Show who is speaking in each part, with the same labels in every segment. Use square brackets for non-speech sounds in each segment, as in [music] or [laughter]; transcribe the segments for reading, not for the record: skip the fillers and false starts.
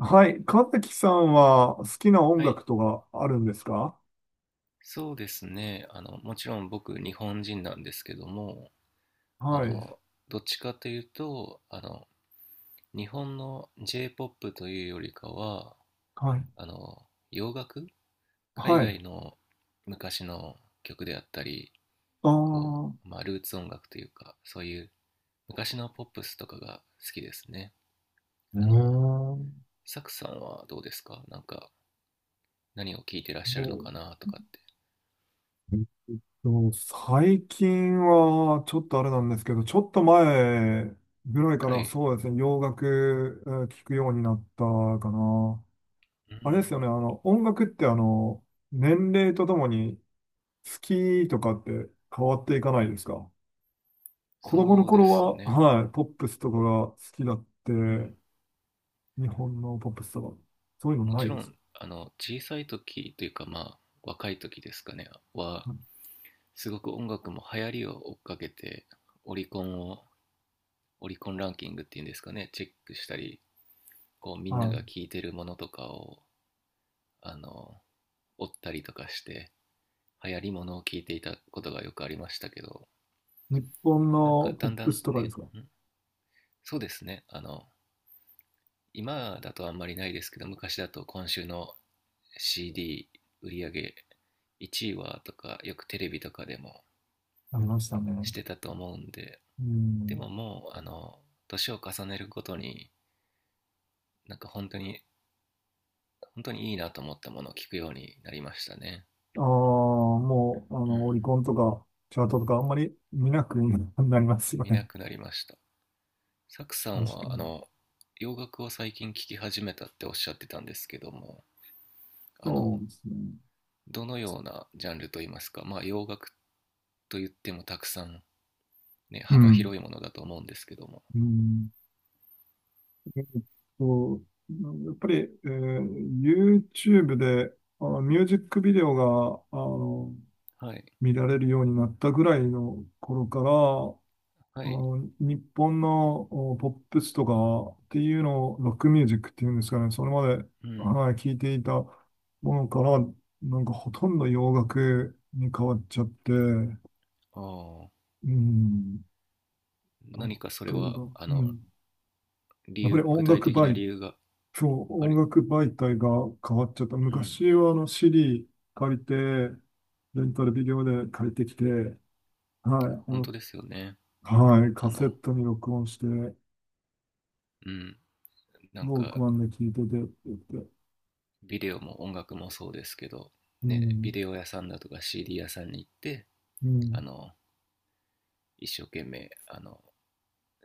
Speaker 1: はい。神崎さんは好きな音
Speaker 2: はい、
Speaker 1: 楽とかあるんですか？
Speaker 2: そうですね。もちろん僕、日本人なんですけども、あ
Speaker 1: はい。
Speaker 2: の、どっちかというと、日本の J-POP というよりかは、
Speaker 1: はい。
Speaker 2: 洋楽、海
Speaker 1: はい。あ
Speaker 2: 外の昔の曲であったり、こ
Speaker 1: あ、う
Speaker 2: まあ、ルーツ音楽というか、そういう昔のポップスとかが好きですね。あの、
Speaker 1: ー、
Speaker 2: サクさんはどうですか。なんか、何を聴いてらっし
Speaker 1: そ
Speaker 2: ゃるの
Speaker 1: う、
Speaker 2: かなとかって。
Speaker 1: えっ最近はちょっとあれなんですけど、ちょっと前ぐらいか
Speaker 2: は
Speaker 1: ら
Speaker 2: い。
Speaker 1: そうですね、洋楽聞くようになったかな。
Speaker 2: う
Speaker 1: あれです
Speaker 2: ん、
Speaker 1: よね、音楽って年齢とともに好きとかって変わっていかないですか？子供の
Speaker 2: そうで
Speaker 1: 頃
Speaker 2: す
Speaker 1: は、
Speaker 2: ね。
Speaker 1: はい、ポップスとかが好きだっ
Speaker 2: う
Speaker 1: て、
Speaker 2: ん。
Speaker 1: 日本のポップスとか。そういうの
Speaker 2: も
Speaker 1: な
Speaker 2: ち
Speaker 1: い
Speaker 2: ろ
Speaker 1: です？
Speaker 2: ん小さい時というか、まあ若い時ですかねは、
Speaker 1: うん。
Speaker 2: すごく音楽も流行りを追っかけて、オリコンを、オリコンランキングっていうんですかね、チェックしたり、こうみんな
Speaker 1: は
Speaker 2: が聴いてるものとかをあの追ったりとかして、流行りものを聴いていたことがよくありましたけど、
Speaker 1: い。日本
Speaker 2: なんか
Speaker 1: のポッ
Speaker 2: だんだ
Speaker 1: プス
Speaker 2: ん
Speaker 1: とかで
Speaker 2: ね
Speaker 1: すか？
Speaker 2: んそうですね。今だとあんまりないですけど、昔だと今週の CD 売り上げ1位はとか、よくテレビとかでも
Speaker 1: ありましたね。
Speaker 2: してたと思うんで、
Speaker 1: う
Speaker 2: で
Speaker 1: ん。
Speaker 2: ももう、年を重ねるごとに、なんか本当に、本当にいいなと思ったものを聞くようになりましたね。
Speaker 1: ああ、もう、あ
Speaker 2: う
Speaker 1: の、オ
Speaker 2: ん。
Speaker 1: リコンとか、チャートとか、あんまり見なくなりますよ
Speaker 2: 見な
Speaker 1: ね。
Speaker 2: くなりました。サクさん
Speaker 1: 確か
Speaker 2: は、
Speaker 1: に。
Speaker 2: 洋楽を最近聴き始めたっておっしゃってたんですけども、あ
Speaker 1: そ
Speaker 2: の、
Speaker 1: うですね。
Speaker 2: どのようなジャンルといいますか、まあ洋楽と言ってもたくさん、ね、
Speaker 1: う
Speaker 2: 幅
Speaker 1: ん。
Speaker 2: 広いものだと思うんですけども。
Speaker 1: うん。えっと、やっぱり、えー YouTube で、あの、ミュージックビデオが、あの、
Speaker 2: はい。
Speaker 1: 見られるようになったぐらいの頃から、
Speaker 2: は
Speaker 1: あ
Speaker 2: い。
Speaker 1: の日本のおポップスとかっていうのをロックミュージックっていうんですかね、それまで、
Speaker 2: うん。
Speaker 1: はい、聞いていたものから、なんかほとんど洋楽に変わっちゃって、う
Speaker 2: ああ。
Speaker 1: ん、例
Speaker 2: 何かそ
Speaker 1: え
Speaker 2: れは、
Speaker 1: ば、うん、
Speaker 2: 理
Speaker 1: やっぱり
Speaker 2: 由、具
Speaker 1: 音
Speaker 2: 体
Speaker 1: 楽
Speaker 2: 的な
Speaker 1: 媒、
Speaker 2: 理由が
Speaker 1: そう、
Speaker 2: あ
Speaker 1: 音
Speaker 2: れ、
Speaker 1: 楽媒体が変わっちゃった。
Speaker 2: うん。
Speaker 1: 昔はあの c ーディー借りて、レンタルビデオで借りてきて、はい、あ
Speaker 2: 本当
Speaker 1: の、
Speaker 2: ですよね。
Speaker 1: はい、
Speaker 2: あ
Speaker 1: カセ
Speaker 2: の、
Speaker 1: ットに録音して、
Speaker 2: うん、なん
Speaker 1: ローク
Speaker 2: か、
Speaker 1: マンで聞いててって言って、
Speaker 2: ビデオも音楽もそうですけど、
Speaker 1: う
Speaker 2: ね、ビ
Speaker 1: ん、
Speaker 2: デオ屋さんだとか CD 屋さんに行って、
Speaker 1: う
Speaker 2: あ
Speaker 1: ん、
Speaker 2: の、一生懸命、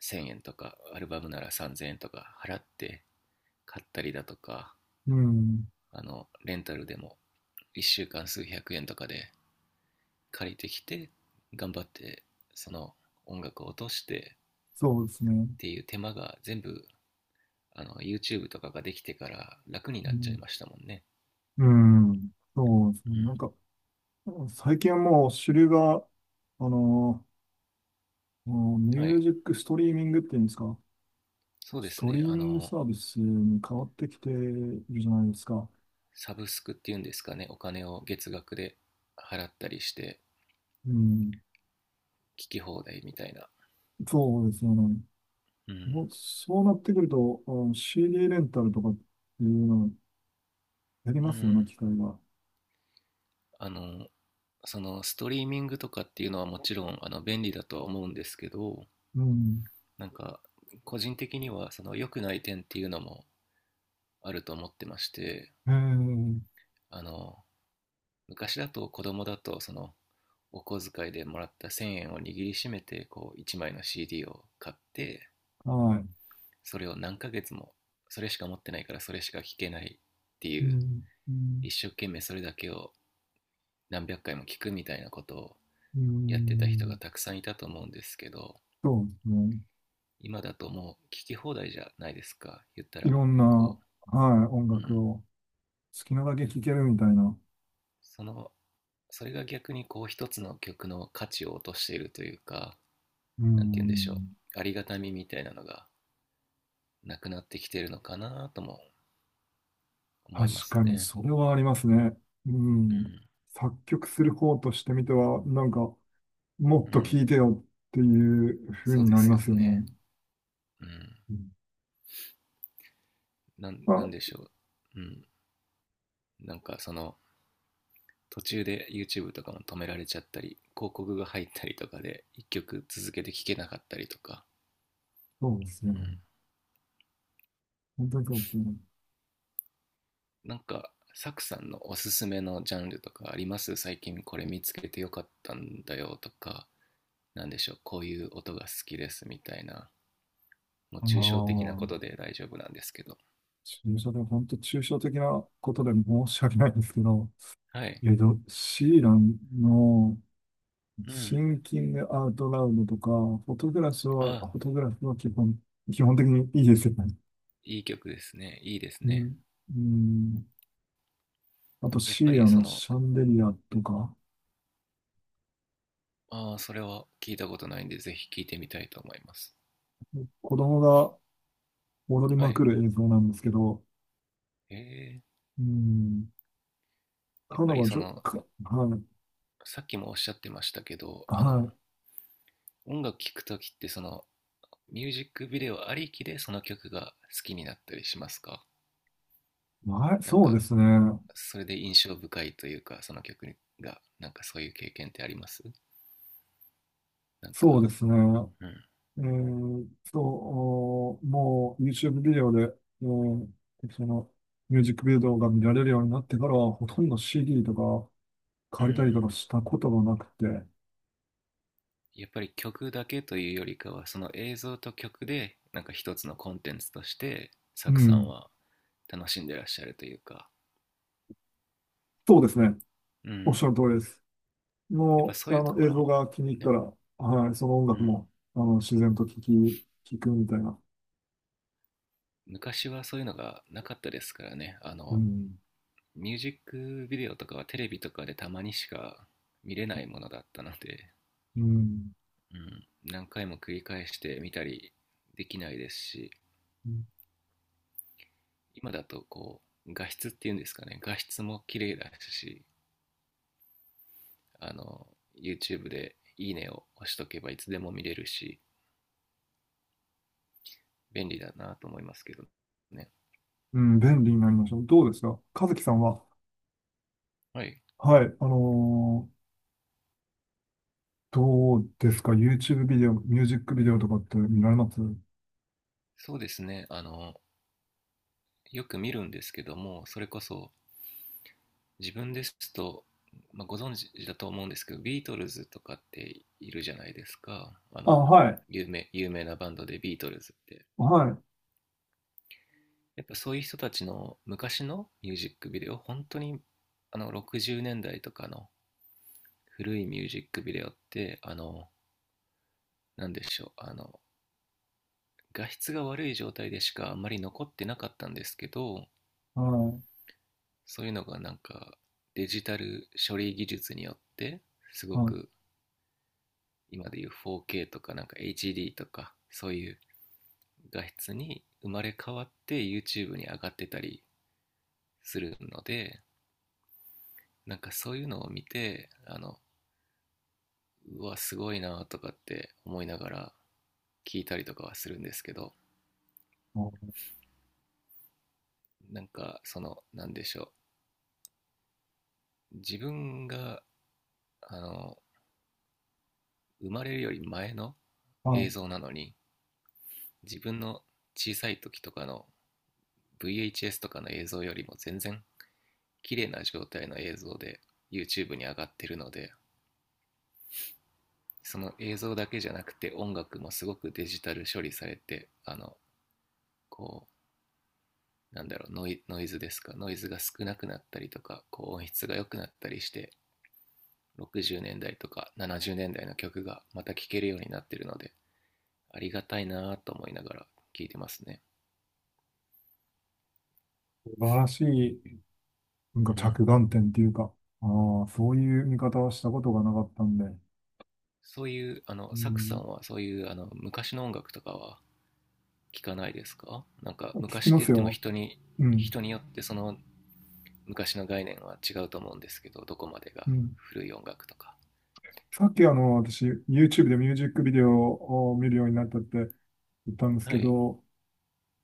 Speaker 2: 1000円とか、アルバムなら3000円とか払って買ったりだとか、
Speaker 1: うん、
Speaker 2: レンタルでも1週間数百円とかで借りてきて、頑張って、その音楽を落として
Speaker 1: そうですね。
Speaker 2: っていう手間が全部、YouTube とかができてから楽に
Speaker 1: う
Speaker 2: なっちゃい
Speaker 1: ん、
Speaker 2: ましたもんね。
Speaker 1: うん、そうですね。
Speaker 2: う
Speaker 1: な
Speaker 2: ん。
Speaker 1: んか、最近はもう主流が、あの、もうミ
Speaker 2: は
Speaker 1: ュー
Speaker 2: い、
Speaker 1: ジックストリーミングっていうんですか、
Speaker 2: そうで
Speaker 1: ス
Speaker 2: す
Speaker 1: トリ
Speaker 2: ね。
Speaker 1: ーミングサービスに変わってきているじゃないですか。
Speaker 2: サブスクっていうんですかね。お金を月額で払ったりして、
Speaker 1: うん、
Speaker 2: 聞き放題みたいな。
Speaker 1: そうですよね。
Speaker 2: う
Speaker 1: も
Speaker 2: ん。
Speaker 1: うそうなってくると、あの CD レンタルとかっていうのをやり
Speaker 2: う
Speaker 1: ますよね、
Speaker 2: ん。
Speaker 1: 機械が。
Speaker 2: あの、そのストリーミングとかっていうのはもちろん便利だとは思うんですけど、
Speaker 1: うん、
Speaker 2: なんか個人的にはその良くない点っていうのもあると思ってまして、
Speaker 1: ええ、
Speaker 2: あの、昔だと子供だと、そのお小遣いでもらった1000円を握りしめて、こう1枚の CD を買って、
Speaker 1: はい。
Speaker 2: それを何ヶ月も、それしか持ってないからそれしか聞けないって
Speaker 1: う
Speaker 2: いう、
Speaker 1: ん、うん、
Speaker 2: 一生懸命それだけを何百回も聞くみたいなことを
Speaker 1: う
Speaker 2: やってた人が
Speaker 1: ん。
Speaker 2: たくさんいたと思うんですけど、
Speaker 1: そうですね。
Speaker 2: 今だともう聞き放題じゃないですか、言った
Speaker 1: い
Speaker 2: ら。
Speaker 1: ろんな、
Speaker 2: こ
Speaker 1: はい、音
Speaker 2: うう
Speaker 1: 楽
Speaker 2: ん
Speaker 1: を好きなだけ聴けるみたいな。
Speaker 2: そのそれが逆に、こう一つの曲の価値を落としているというか、
Speaker 1: う
Speaker 2: なんて言うんでしょ
Speaker 1: ん。
Speaker 2: う、ありがたみみたいなのがなくなってきてるのかなとも思いま
Speaker 1: 確
Speaker 2: す
Speaker 1: かに、
Speaker 2: ね。
Speaker 1: それはありますね。うん。作曲する方としてみては、なんか、もっ
Speaker 2: うん。う
Speaker 1: と聴い
Speaker 2: ん。
Speaker 1: てよっていう風
Speaker 2: そう
Speaker 1: に
Speaker 2: で
Speaker 1: なり
Speaker 2: す
Speaker 1: ま
Speaker 2: よ
Speaker 1: すよ
Speaker 2: ね。
Speaker 1: ね。
Speaker 2: うん。
Speaker 1: うん。
Speaker 2: なんで
Speaker 1: あ、
Speaker 2: しょう。うん。なんかその、途中で YouTube とかも止められちゃったり、広告が入ったりとかで、一曲続けて聴けなかったりとか。
Speaker 1: そうです
Speaker 2: う
Speaker 1: ね。
Speaker 2: ん。
Speaker 1: 本当にそうですね。
Speaker 2: なんか、サクさんのおすすめのジャンルとかあります、最近これ見つけてよかったんだよとか。なんでしょう。こういう音が好きですみたいな。もう
Speaker 1: あ
Speaker 2: 抽象的な
Speaker 1: あ、
Speaker 2: ことで大丈夫なんですけど。
Speaker 1: 抽象で、本当抽象的なことで申し訳ないんですけど、
Speaker 2: はい。
Speaker 1: シーランの、
Speaker 2: う
Speaker 1: シ
Speaker 2: ん。
Speaker 1: ンキングアウトラウドとか、
Speaker 2: あ、
Speaker 1: フォトグラフは基本的にいいですよね。
Speaker 2: いい曲ですね。いいです
Speaker 1: う
Speaker 2: ね。
Speaker 1: ん。うん。あと、
Speaker 2: やっ
Speaker 1: シ
Speaker 2: ぱ
Speaker 1: ー
Speaker 2: り
Speaker 1: ア
Speaker 2: そ
Speaker 1: の
Speaker 2: の、
Speaker 1: シャンデリアとか、
Speaker 2: ああ、それは聞いたことないんで、ぜひ聞いてみたいと思います。
Speaker 1: 子供が踊り
Speaker 2: は
Speaker 1: まく
Speaker 2: い。
Speaker 1: る映像なんですけど、
Speaker 2: ええ、
Speaker 1: うん。
Speaker 2: やっ
Speaker 1: 彼
Speaker 2: ぱり
Speaker 1: 女、ち
Speaker 2: そ
Speaker 1: ょ
Speaker 2: の、
Speaker 1: か、はい、
Speaker 2: さっきもおっしゃってましたけど、
Speaker 1: は
Speaker 2: 音楽聴くときってその、ミュージックビデオありきでその曲が好きになったりしますか。
Speaker 1: い、はい、
Speaker 2: なん
Speaker 1: そう
Speaker 2: か、
Speaker 1: ですね。
Speaker 2: それで印象深いというか、その曲が、なんかそういう経験ってあります、なん
Speaker 1: そう
Speaker 2: か。
Speaker 1: ですね。
Speaker 2: うん。
Speaker 1: えー、そう、おもう YouTube ビデオで、うん、その、ミュージックビデオが見られるようになってからは、ほとんど CD とか、
Speaker 2: う
Speaker 1: 借りたりと
Speaker 2: ん。
Speaker 1: かしたことがなくて、
Speaker 2: やっぱり曲だけというよりかは、その映像と曲で、なんか一つのコンテンツとして、
Speaker 1: う
Speaker 2: サクさん
Speaker 1: ん、
Speaker 2: は楽しんでらっしゃるというか。
Speaker 1: そうですね。
Speaker 2: う
Speaker 1: おっしゃ
Speaker 2: ん。
Speaker 1: る通りです。
Speaker 2: やっぱ
Speaker 1: も
Speaker 2: そ
Speaker 1: う、
Speaker 2: うい
Speaker 1: あ
Speaker 2: うと
Speaker 1: の、
Speaker 2: こ
Speaker 1: 映
Speaker 2: ろ
Speaker 1: 像
Speaker 2: も、
Speaker 1: が気に入った
Speaker 2: ね。
Speaker 1: ら、はい、その音楽も、あの、自然と聞くみたいな。
Speaker 2: 昔はそういうのがなかったですからね。
Speaker 1: うん、
Speaker 2: ミュージックビデオとかはテレビとかでたまにしか見れないものだったので、
Speaker 1: うん、
Speaker 2: うん、何回も繰り返して見たりできないですし、今だと画質っていうんですかね、画質も綺麗だし、あの、YouTube でいいねを押しとけばいつでも見れるし、便利だなと思いますけどね。
Speaker 1: うん、便利になりました。どうですか和樹さんは、
Speaker 2: はい。
Speaker 1: はい、どうですか？ YouTube ビデオ、ミュージックビデオとかって見られます
Speaker 2: そうですね。よく見るんですけども、それこそ自分ですと、まあ、ご存知だと思うんですけど、ビートルズとかっているじゃないですか。
Speaker 1: あ、はい、
Speaker 2: 有名なバンドでビートルズって。
Speaker 1: はい、
Speaker 2: やっぱそういう人たちの昔のミュージックビデオ、本当に60年代とかの古いミュージックビデオって、あの、なんでしょう、あの、画質が悪い状態でしかあんまり残ってなかったんですけど、
Speaker 1: はい、
Speaker 2: そういうのがなんかデジタル処理技術によってすご
Speaker 1: はい、
Speaker 2: く、今でいう 4K とかなんか HD とかそういう画質に生まれ変わって YouTube に上がってたりするので、なんかそういうのを見てうわすごいなとかって思いながら聞いたりとかはするんですけど、
Speaker 1: あ、
Speaker 2: なんかそのなんでしょう自分があの生まれるより前の
Speaker 1: あ、
Speaker 2: 映像なのに、自分の小さい時とかの VHS とかの映像よりも全然綺麗な状態の映像で YouTube に上がってるので、その映像だけじゃなくて音楽もすごくデジタル処理されて、こノイズですか、ノイズが少なくなったりとか、こう音質が良くなったりして、60年代とか70年代の曲がまた聴けるようになってるので、ありがたいなと思いながら聴いてますね。
Speaker 1: 素晴らしい。なんか
Speaker 2: うん。
Speaker 1: 着眼点っていうか、ああ、そういう見方はしたことがなかったんで、
Speaker 2: そういう、
Speaker 1: う
Speaker 2: サクさ
Speaker 1: ん、
Speaker 2: んはそういう昔の音楽とかは聴かないですか。なんか
Speaker 1: 聞
Speaker 2: 昔
Speaker 1: き
Speaker 2: って
Speaker 1: ま
Speaker 2: 言
Speaker 1: す
Speaker 2: っても
Speaker 1: よ。うん、
Speaker 2: 人によってその昔の概念は違うと思うんですけど、どこまでが
Speaker 1: うん。
Speaker 2: 古い音楽とか。
Speaker 1: さっきあの、私、YouTube でミュージックビデオを見るようになったって言ったんです
Speaker 2: は
Speaker 1: け
Speaker 2: い、
Speaker 1: ど、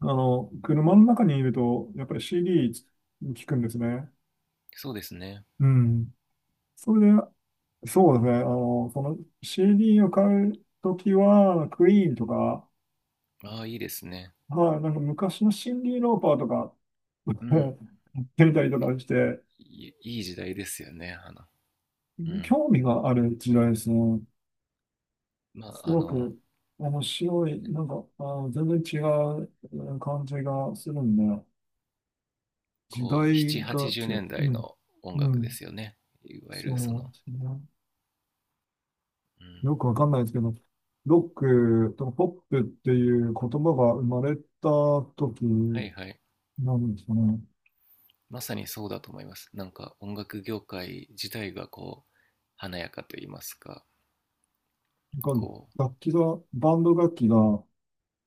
Speaker 1: あの、車の中にいると、やっぱり CD 聞くんですね。
Speaker 2: そうですね。
Speaker 1: うん。それで、そうですね、あの、その CD を買うときは、クイーンとか、
Speaker 2: ああいいですね。
Speaker 1: はい、なんか昔のシンディ・ローパーとか、
Speaker 2: う
Speaker 1: [laughs] や
Speaker 2: ん。
Speaker 1: てみたりとかして、
Speaker 2: いいい時代ですよね、うん。
Speaker 1: 興味がある時代ですね。
Speaker 2: ま
Speaker 1: す
Speaker 2: あ、
Speaker 1: ごく面白い、なんか、あー、全然違う感じがするんで、
Speaker 2: こ
Speaker 1: 時
Speaker 2: う
Speaker 1: 代が
Speaker 2: 780
Speaker 1: 違
Speaker 2: 年
Speaker 1: う。
Speaker 2: 代
Speaker 1: うん。
Speaker 2: の音
Speaker 1: う
Speaker 2: 楽で
Speaker 1: ん。
Speaker 2: すよね、いわゆ
Speaker 1: そ
Speaker 2: るそ
Speaker 1: う
Speaker 2: の。
Speaker 1: ですね。
Speaker 2: うん。
Speaker 1: よくわかんないですけど、ロックとポップっていう言葉が生まれた時
Speaker 2: はいはい、
Speaker 1: なんですかね。
Speaker 2: まさにそうだと思います。なんか音楽業界自体がこう華やかと言いますか。
Speaker 1: なんか
Speaker 2: こ
Speaker 1: 楽器が、バンド楽器があ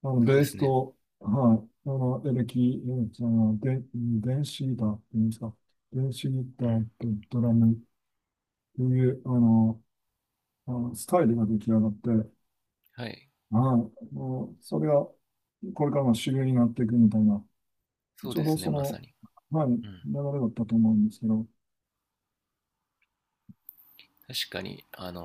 Speaker 1: の、
Speaker 2: そうで
Speaker 1: ベース
Speaker 2: すね。
Speaker 1: と、はい、あの、エレキ、エレキじゃない、で、電子ギターって言うんですか、電子ギタ
Speaker 2: う
Speaker 1: ー
Speaker 2: ん。
Speaker 1: とドラムっていう、あの、あのスタイルが出来上がって、
Speaker 2: はい、
Speaker 1: はい、もう、それがこれからの主流になっていくみたいな、
Speaker 2: そう
Speaker 1: ちょ
Speaker 2: で
Speaker 1: うど
Speaker 2: すね、
Speaker 1: そ
Speaker 2: まさ
Speaker 1: の、
Speaker 2: に。
Speaker 1: はい、流
Speaker 2: うん。
Speaker 1: れだったと思うんですけど、
Speaker 2: 確かに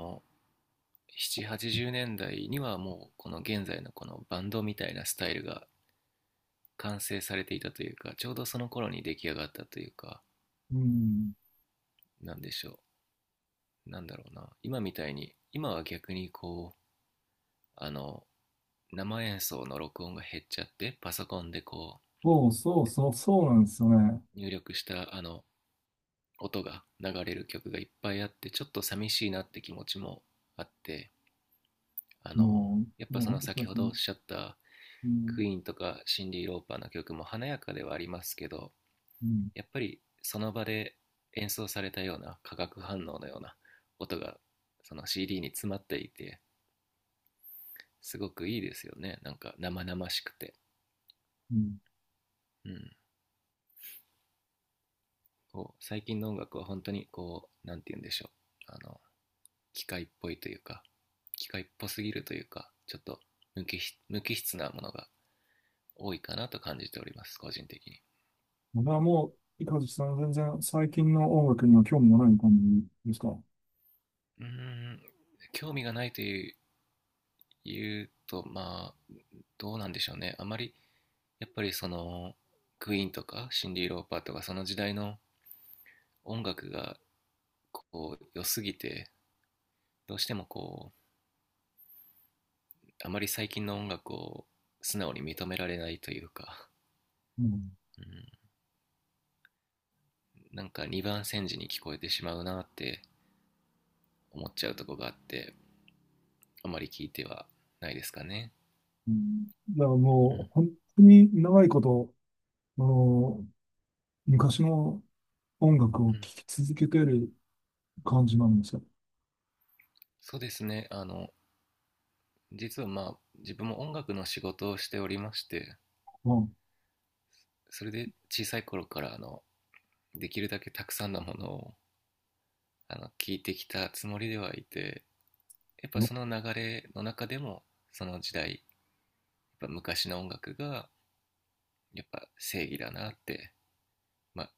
Speaker 2: 7、80年代にはもうこの現在のこのバンドみたいなスタイルが完成されていたというか、ちょうどその頃に出来上がったというか、
Speaker 1: うん、
Speaker 2: なんでしょう。なんだろうな。今みたいに、今は逆にこう、あの、生演奏の録音が減っちゃって、パソコンで
Speaker 1: そうなんですよね。
Speaker 2: 入力した音が流れる曲がいっぱいあって、ちょっと寂しいなって気持ちもあって、あの、
Speaker 1: も
Speaker 2: やっ
Speaker 1: う、
Speaker 2: ぱそ
Speaker 1: もう
Speaker 2: の
Speaker 1: 本当
Speaker 2: 先ほどお
Speaker 1: に、
Speaker 2: っしゃった
Speaker 1: うん、
Speaker 2: クイーンとかシンディ・ローパーの曲も華やかではありますけど、
Speaker 1: うん、
Speaker 2: やっぱりその場で演奏されたような化学反応のような音がその CD に詰まっていて、すごくいいですよね、なんか生々しくて。
Speaker 1: うん。
Speaker 2: うん、こう最近の音楽は本当にこうなんて言うんでしょう、あの機械っぽいというか、機械っぽすぎるというか、ちょっと無機無機質なものが多いかなと感じております、個人的に。
Speaker 1: これはもう、いかずさん、全然最近の音楽には興味がない感じですか？
Speaker 2: うーん、興味がないと言うとまあどうなんでしょうね。あまり、やっぱりそのクイーンとかシンディ・ローパーとかその時代の音楽がこう良すぎて、どうしてもあまり最近の音楽を素直に認められないというか。
Speaker 1: うん。
Speaker 2: うん、なんか二番煎じに聞こえてしまうなって思っちゃうとこがあって、あまり聞いてはないですかね。
Speaker 1: うん、じゃあ
Speaker 2: う
Speaker 1: も
Speaker 2: ん。
Speaker 1: う、本当に長いこと、あの、昔の音楽
Speaker 2: う
Speaker 1: を聴
Speaker 2: ん、
Speaker 1: き続けてる感じなんですよ。
Speaker 2: そうですね。実はまあ自分も音楽の仕事をしておりまして、
Speaker 1: うん。
Speaker 2: それで小さい頃からできるだけたくさんのものを聞いてきたつもりではいて、やっぱ
Speaker 1: よ
Speaker 2: その流れの中でも、その時代やっぱ昔の音楽がやっぱ正義だなって、まあ、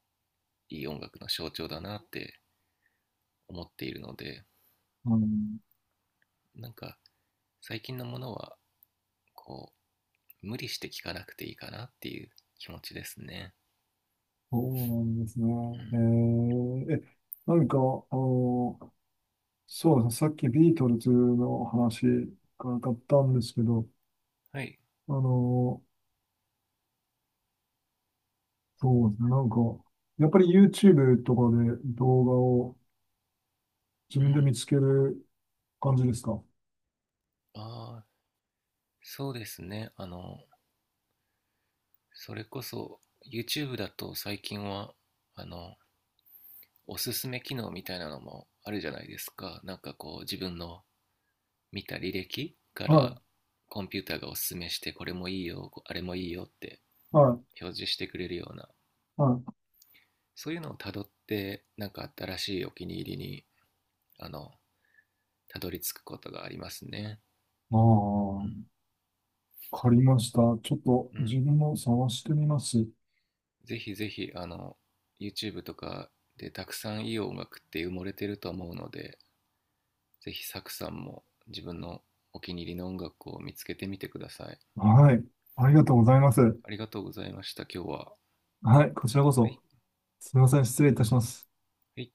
Speaker 2: いい音楽の象徴だなって思っているので、
Speaker 1: あの、
Speaker 2: なんか最近のものはこう無理して聴かなくていいかなっていう気持ちですね。
Speaker 1: そうなんですね。
Speaker 2: う
Speaker 1: え
Speaker 2: ん、
Speaker 1: ー、え、何か、あの、そうですね、さっきビートルズの話があったんですけど、
Speaker 2: はい、
Speaker 1: あの、そうですね、なんか、やっぱり YouTube とかで動画を自
Speaker 2: う
Speaker 1: 分で見
Speaker 2: ん。
Speaker 1: つける感じですか？は
Speaker 2: ああ、そうですね。それこそ YouTube だと最近はあのおすすめ機能みたいなのもあるじゃないですか。なんかこう自分の見た履歴から
Speaker 1: い、
Speaker 2: コンピューターがおすすめして、これもいいよ、あれもいいよって
Speaker 1: はい、
Speaker 2: 表示してくれるような、
Speaker 1: はい。
Speaker 2: そういうのをたどって、なんか新しいお気に入りにあのたどり着くことがありますね。
Speaker 1: ああ、わかりました。ちょっと
Speaker 2: うん、うん、
Speaker 1: 自分も探してみます。
Speaker 2: ぜひぜひYouTube とかでたくさんいい音楽って埋もれてると思うので、ぜひサクさんも自分のお気に入りの音楽を見つけてみてください。
Speaker 1: はい。ありがとうございます。
Speaker 2: ありがとうございました、今日は。
Speaker 1: はい、こちらこ
Speaker 2: はい。
Speaker 1: そ。すみません、失礼いたします。
Speaker 2: はい。